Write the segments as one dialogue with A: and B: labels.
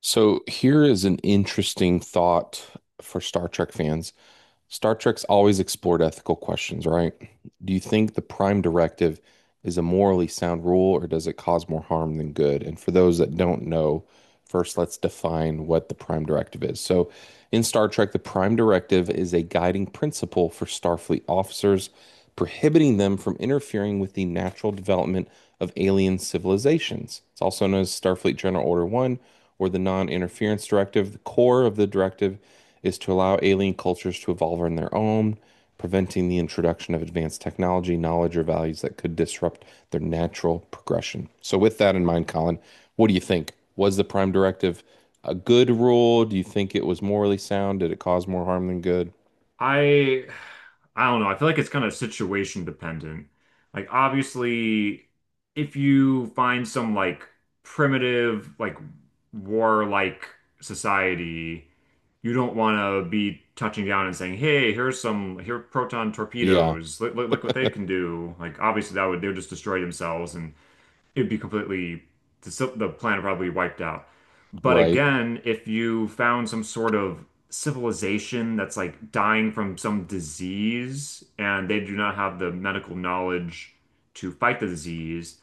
A: So here is an interesting thought for Star Trek fans. Star Trek's always explored ethical questions, right? Do you think the Prime Directive is a morally sound rule, or does it cause more harm than good? And for those that don't know, first let's define what the Prime Directive is. In Star Trek, the Prime Directive is a guiding principle for Starfleet officers, prohibiting them from interfering with the natural development of alien civilizations. It's also known as Starfleet General Order 1 or the Non-Interference Directive. The core of the directive is to allow alien cultures to evolve on their own, preventing the introduction of advanced technology, knowledge, or values that could disrupt their natural progression. So, with that in mind, Colin, what do you think? Was the Prime Directive a good rule? Do you think it was morally sound? Did it cause more harm than good?
B: I I don't know. I feel like it's kind of situation dependent. Like obviously if you find some like primitive like warlike society, you don't want to be touching down and saying, "Hey, here are proton
A: Yeah.
B: torpedoes. Look, look, look what they can do." Like obviously that would they would just destroy themselves, and it would be completely the, the planet probably wiped out. But
A: Right,
B: again, if you found some sort of civilization that's like dying from some disease and they do not have the medical knowledge to fight the disease,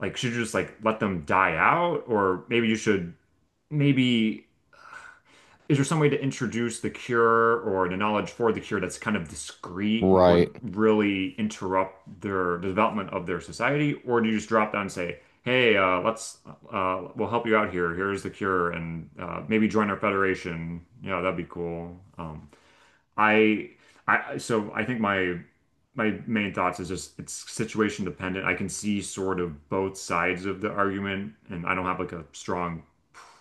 B: like should you just like let them die out? Or maybe you should maybe is there some way to introduce the cure or the knowledge for the cure that's kind of discreet and
A: right.
B: wouldn't really interrupt the development of their society? Or do you just drop down and say, hey, let's we'll help you out here. Here's the cure, and maybe join our federation. Yeah, that'd be cool. I, so I think my main thoughts is just it's situation dependent. I can see sort of both sides of the argument, and I don't have like a strong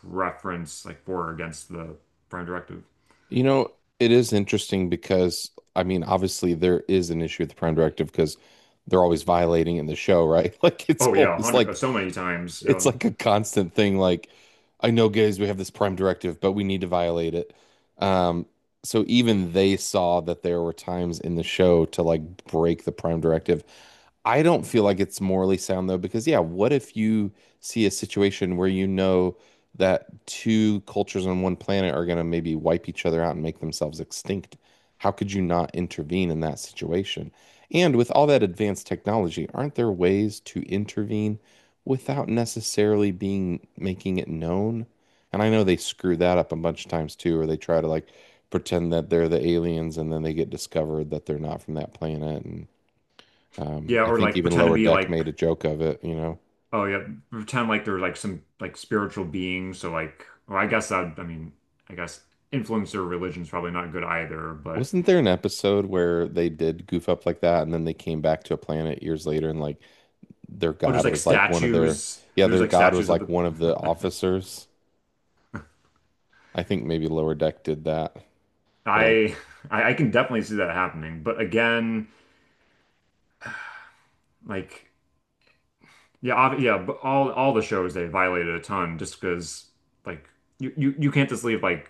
B: preference, like for or against the Prime Directive.
A: You know, it is interesting because, I mean, obviously there is an issue with the Prime Directive because they're always violating in the show, right? Like, it's
B: Oh yeah, a
A: always
B: hundred,
A: like
B: so many times.
A: it's
B: Yeah,
A: like a constant thing. Like, I know, guys, we have this prime directive, but we need to violate it. Um, so even they saw that there were times in the show to like break the prime directive. I don't feel like it's morally sound though, because yeah, what if you see a situation where you know that two cultures on one planet are going to maybe wipe each other out and make themselves extinct? How could you not intervene in that situation? And with all that advanced technology, aren't there ways to intervene without necessarily being making it known? And I know they screw that up a bunch of times too, or they try to like pretend that they're the aliens and then they get discovered that they're not from that planet and
B: yeah,
A: I
B: or
A: think
B: like
A: even
B: pretend to
A: Lower
B: be
A: Deck
B: like,
A: made a joke of it.
B: oh yeah, pretend like they're like some like spiritual beings. So like, well, I guess that I mean, I guess influencer religion's probably not good either, but.
A: Wasn't there an episode where they did goof up like that and then they came back to a planet years later and like their
B: Oh, there's
A: god
B: like
A: was like one of their,
B: statues.
A: yeah,
B: There's
A: their
B: like
A: god was
B: statues of
A: like
B: the
A: one of the officers. I think maybe Lower Deck did that. They're like,
B: I I can definitely see that happening. But again, like yeah, ob yeah, but all the shows they violated a ton just because like you can't just leave like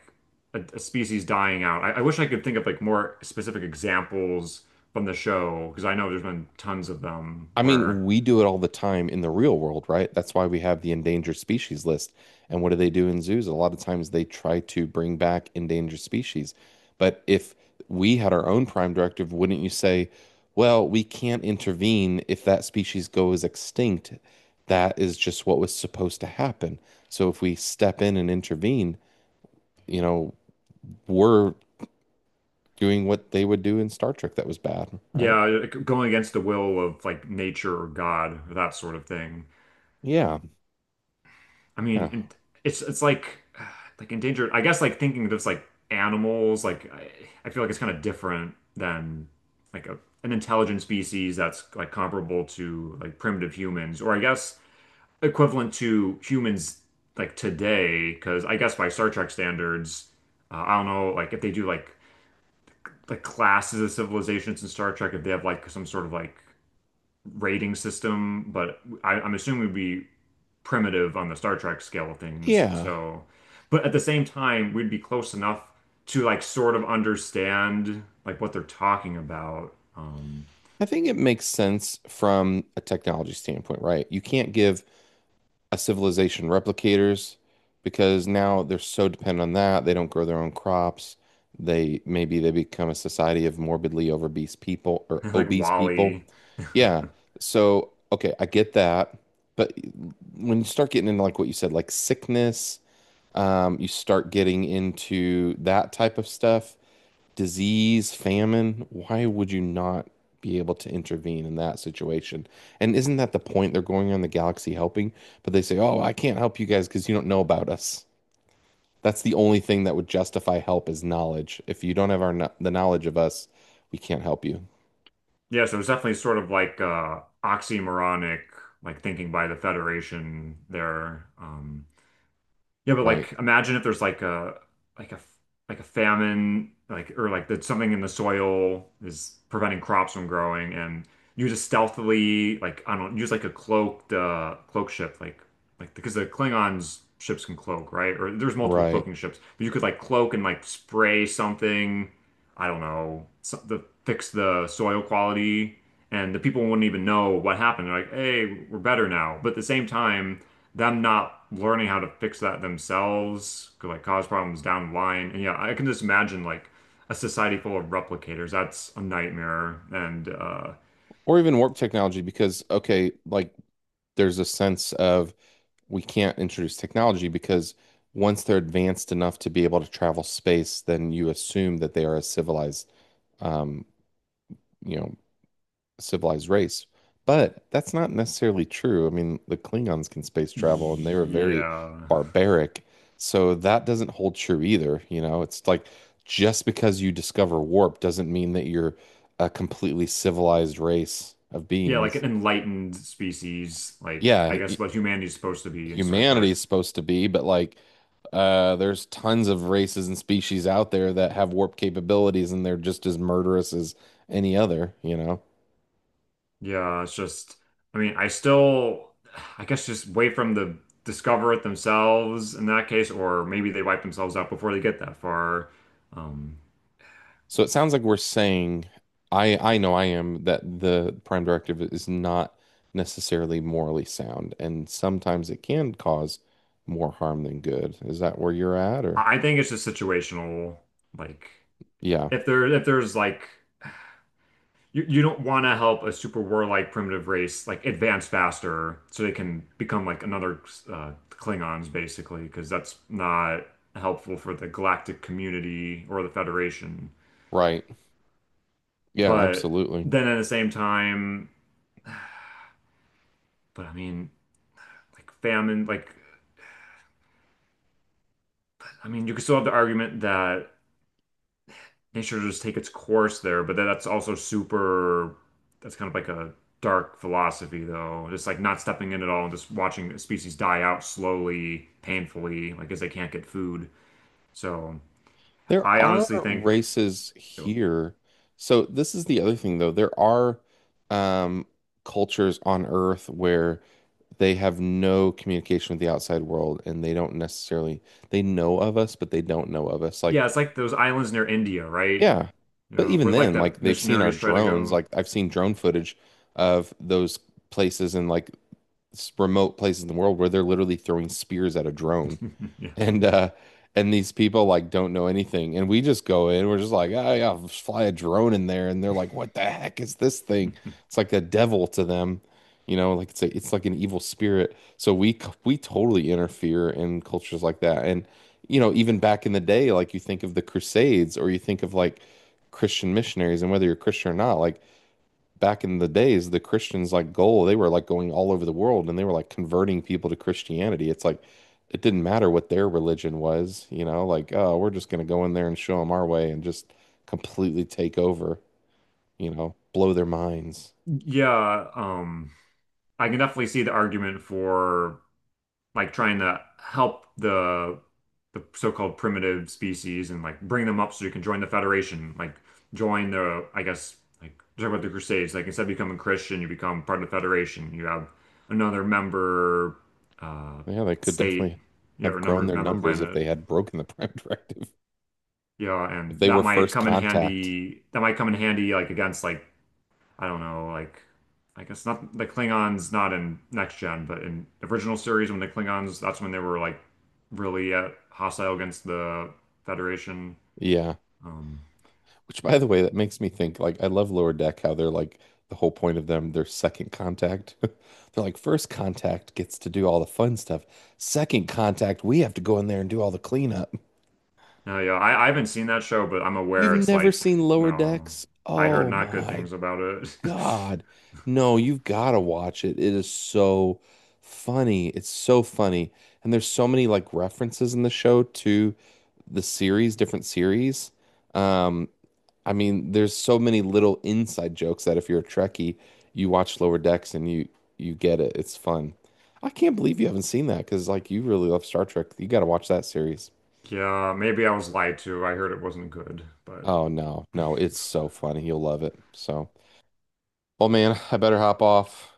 B: a species dying out. I wish I could think of like more specific examples from the show because I know there's been tons of them
A: I
B: where
A: mean, we do it all the time in the real world, right? That's why we have the endangered species list. And what do they do in zoos? A lot of times they try to bring back endangered species. But if we had our own prime directive, wouldn't you say, well, we can't intervene if that species goes extinct? That is just what was supposed to happen. So if we step in and intervene, you know, we're doing what they would do in Star Trek that was bad, right?
B: yeah, like going against the will of like nature or God or that sort of thing.
A: Yeah.
B: I mean,
A: Yeah.
B: and it's like like endangered. I guess like thinking of this like animals, I feel like it's kind of different than like a, an intelligent species that's like comparable to like primitive humans, or I guess equivalent to humans like today. Because I guess by Star Trek standards, I don't know like if they do like the classes of civilizations in Star Trek, if they have like some sort of like rating system, but I'm assuming we'd be primitive on the Star Trek scale of things.
A: Yeah.
B: So, but at the same time, we'd be close enough to like sort of understand like what they're talking about.
A: I think it makes sense from a technology standpoint, right? You can't give a civilization replicators because now they're so dependent on that. They don't grow their own crops. They maybe they become a society of morbidly obese people or
B: Like
A: obese people.
B: Wally.
A: Yeah. So, okay, I get that. But when you start getting into like what you said, like sickness, you start getting into that type of stuff, disease, famine, why would you not be able to intervene in that situation? And isn't that the point? They're going around the galaxy helping, but they say, "Oh, I can't help you guys because you don't know about us." That's the only thing that would justify help is knowledge. If you don't have our the knowledge of us, we can't help you.
B: Yeah, so it's definitely sort of like oxymoronic, like thinking by the Federation there. Yeah, but
A: Right.
B: like imagine if there's like a like a famine, like or like that something in the soil is preventing crops from growing, and you just stealthily like I don't use like a cloaked cloak ship, like because the Klingons ships can cloak, right? Or there's multiple
A: Right.
B: cloaking ships, but you could like cloak and like spray something, I don't know, so, the fix the soil quality, and the people wouldn't even know what happened. They're like, hey, we're better now, but at the same time them not learning how to fix that themselves could like cause problems down the line. And yeah, I can just imagine like a society full of replicators. That's a nightmare. And
A: Or even warp technology because okay, like there's a sense of we can't introduce technology because once they're advanced enough to be able to travel space, then you assume that they are a civilized, um, you know, civilized race. But that's not necessarily true. I mean, the Klingons can space travel and they were very
B: yeah.
A: barbaric. So that doesn't hold true either. You know, it's like just because you discover warp doesn't mean that you're a completely civilized race of
B: Yeah, like
A: beings.
B: an enlightened species, like I
A: Yeah, hu-
B: guess what humanity's supposed to be in Star
A: humanity
B: Trek.
A: is supposed to be, but like there's tons of races and species out there that have warp capabilities and they're just as murderous as any other, you know?
B: Yeah, it's just I mean, I still I guess just wait from the discover it themselves in that case, or maybe they wipe themselves out before they get that far. Um,
A: So it sounds like we're saying, I know I am that the prime directive is not necessarily morally sound, and sometimes it can cause more harm than good. Is that where you're at, or?
B: I think it's just situational. Like
A: Yeah,
B: if there's like you don't want to help a super warlike primitive race like advance faster so they can become like another Klingons basically because that's not helpful for the galactic community or the Federation.
A: right. Yeah,
B: But
A: absolutely.
B: then at the same time, but I mean like famine like I mean you could still have the argument that nature just take its course there, but then that's also super, that's kind of like a dark philosophy though. Just like not stepping in at all and just watching species die out slowly, painfully, like as they can't get food. So
A: There
B: I
A: are
B: honestly think,
A: races here. So this is the other thing, though. There are, um, cultures on Earth where they have no communication with the outside world, and they don't necessarily, they know of us, but they don't know of us. Like,
B: yeah, it's like those islands near India, right?
A: yeah. But
B: Yeah,
A: even
B: where like
A: then,
B: the
A: like they've seen our
B: missionaries try to
A: drones.
B: go.
A: Like I've seen drone footage of those places in like remote places in the world where they're literally throwing spears at a drone
B: Yeah.
A: and and these people like don't know anything and we just go in, we're just like, oh yeah, I'll just fly a drone in there and they're like, what the heck is this thing? It's like the devil to them, you know, like it's like an evil spirit, so we totally interfere in cultures like that. And you know, even back in the day, like you think of the crusades or you think of like Christian missionaries, and whether you're Christian or not, like back in the days, the Christians like goal, they were like going all over the world and they were like converting people to Christianity. It's like it didn't matter what their religion was, you know, like, oh, we're just going to go in there and show them our way and just completely take over, you know, blow their minds.
B: Yeah, I can definitely see the argument for like trying to help the so-called primitive species and like bring them up so you can join the Federation, like join the, I guess, like talk about the Crusades. Like instead of becoming Christian, you become part of the Federation. You have another member uh,
A: Yeah, they could
B: state,
A: definitely
B: you know,
A: have
B: or number
A: grown their
B: member
A: numbers if
B: planet.
A: they had broken the prime directive,
B: Yeah,
A: if
B: and
A: they
B: that
A: were
B: might
A: first
B: come in
A: contact.
B: handy. That might come in handy like against like I don't know, like I guess not the Klingons not in next gen, but in the original series when the Klingons that's when they were like really hostile against the Federation.
A: Yeah.
B: Um,
A: Which, by the way, that makes me think like I love Lower Deck, how they're like the whole point of them, their second contact. They're like, first contact gets to do all the fun stuff. Second contact, we have to go in there and do all the cleanup.
B: no, yeah, I haven't seen that show, but I'm
A: You've
B: aware it's
A: never
B: like
A: seen Lower
B: no,
A: Decks?
B: I heard
A: Oh
B: not good
A: my
B: things about it.
A: God. No, you've got to watch it. It is so funny. It's so funny. And there's so many like references in the show to the series, different series. Um, I mean, there's so many little inside jokes that if you're a Trekkie, you watch Lower Decks and you get it. It's fun. I can't believe you haven't seen that because like you really love Star Trek. You got to watch that series.
B: Yeah, maybe I was lied to. I heard it wasn't good, but
A: Oh no, no, it's so funny. You'll love it. So, well, man, I better hop off.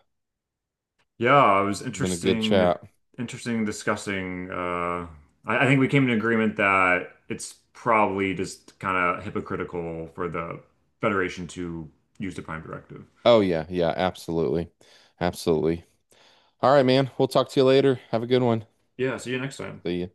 B: yeah, it was
A: Been a good
B: interesting,
A: chat.
B: interesting discussing. I think we came to an agreement that it's probably just kind of hypocritical for the Federation to use the Prime Directive.
A: Oh yeah, yeah, absolutely, absolutely. All right, man. We'll talk to you later. Have a good one.
B: Yeah, see you next time.
A: See ya.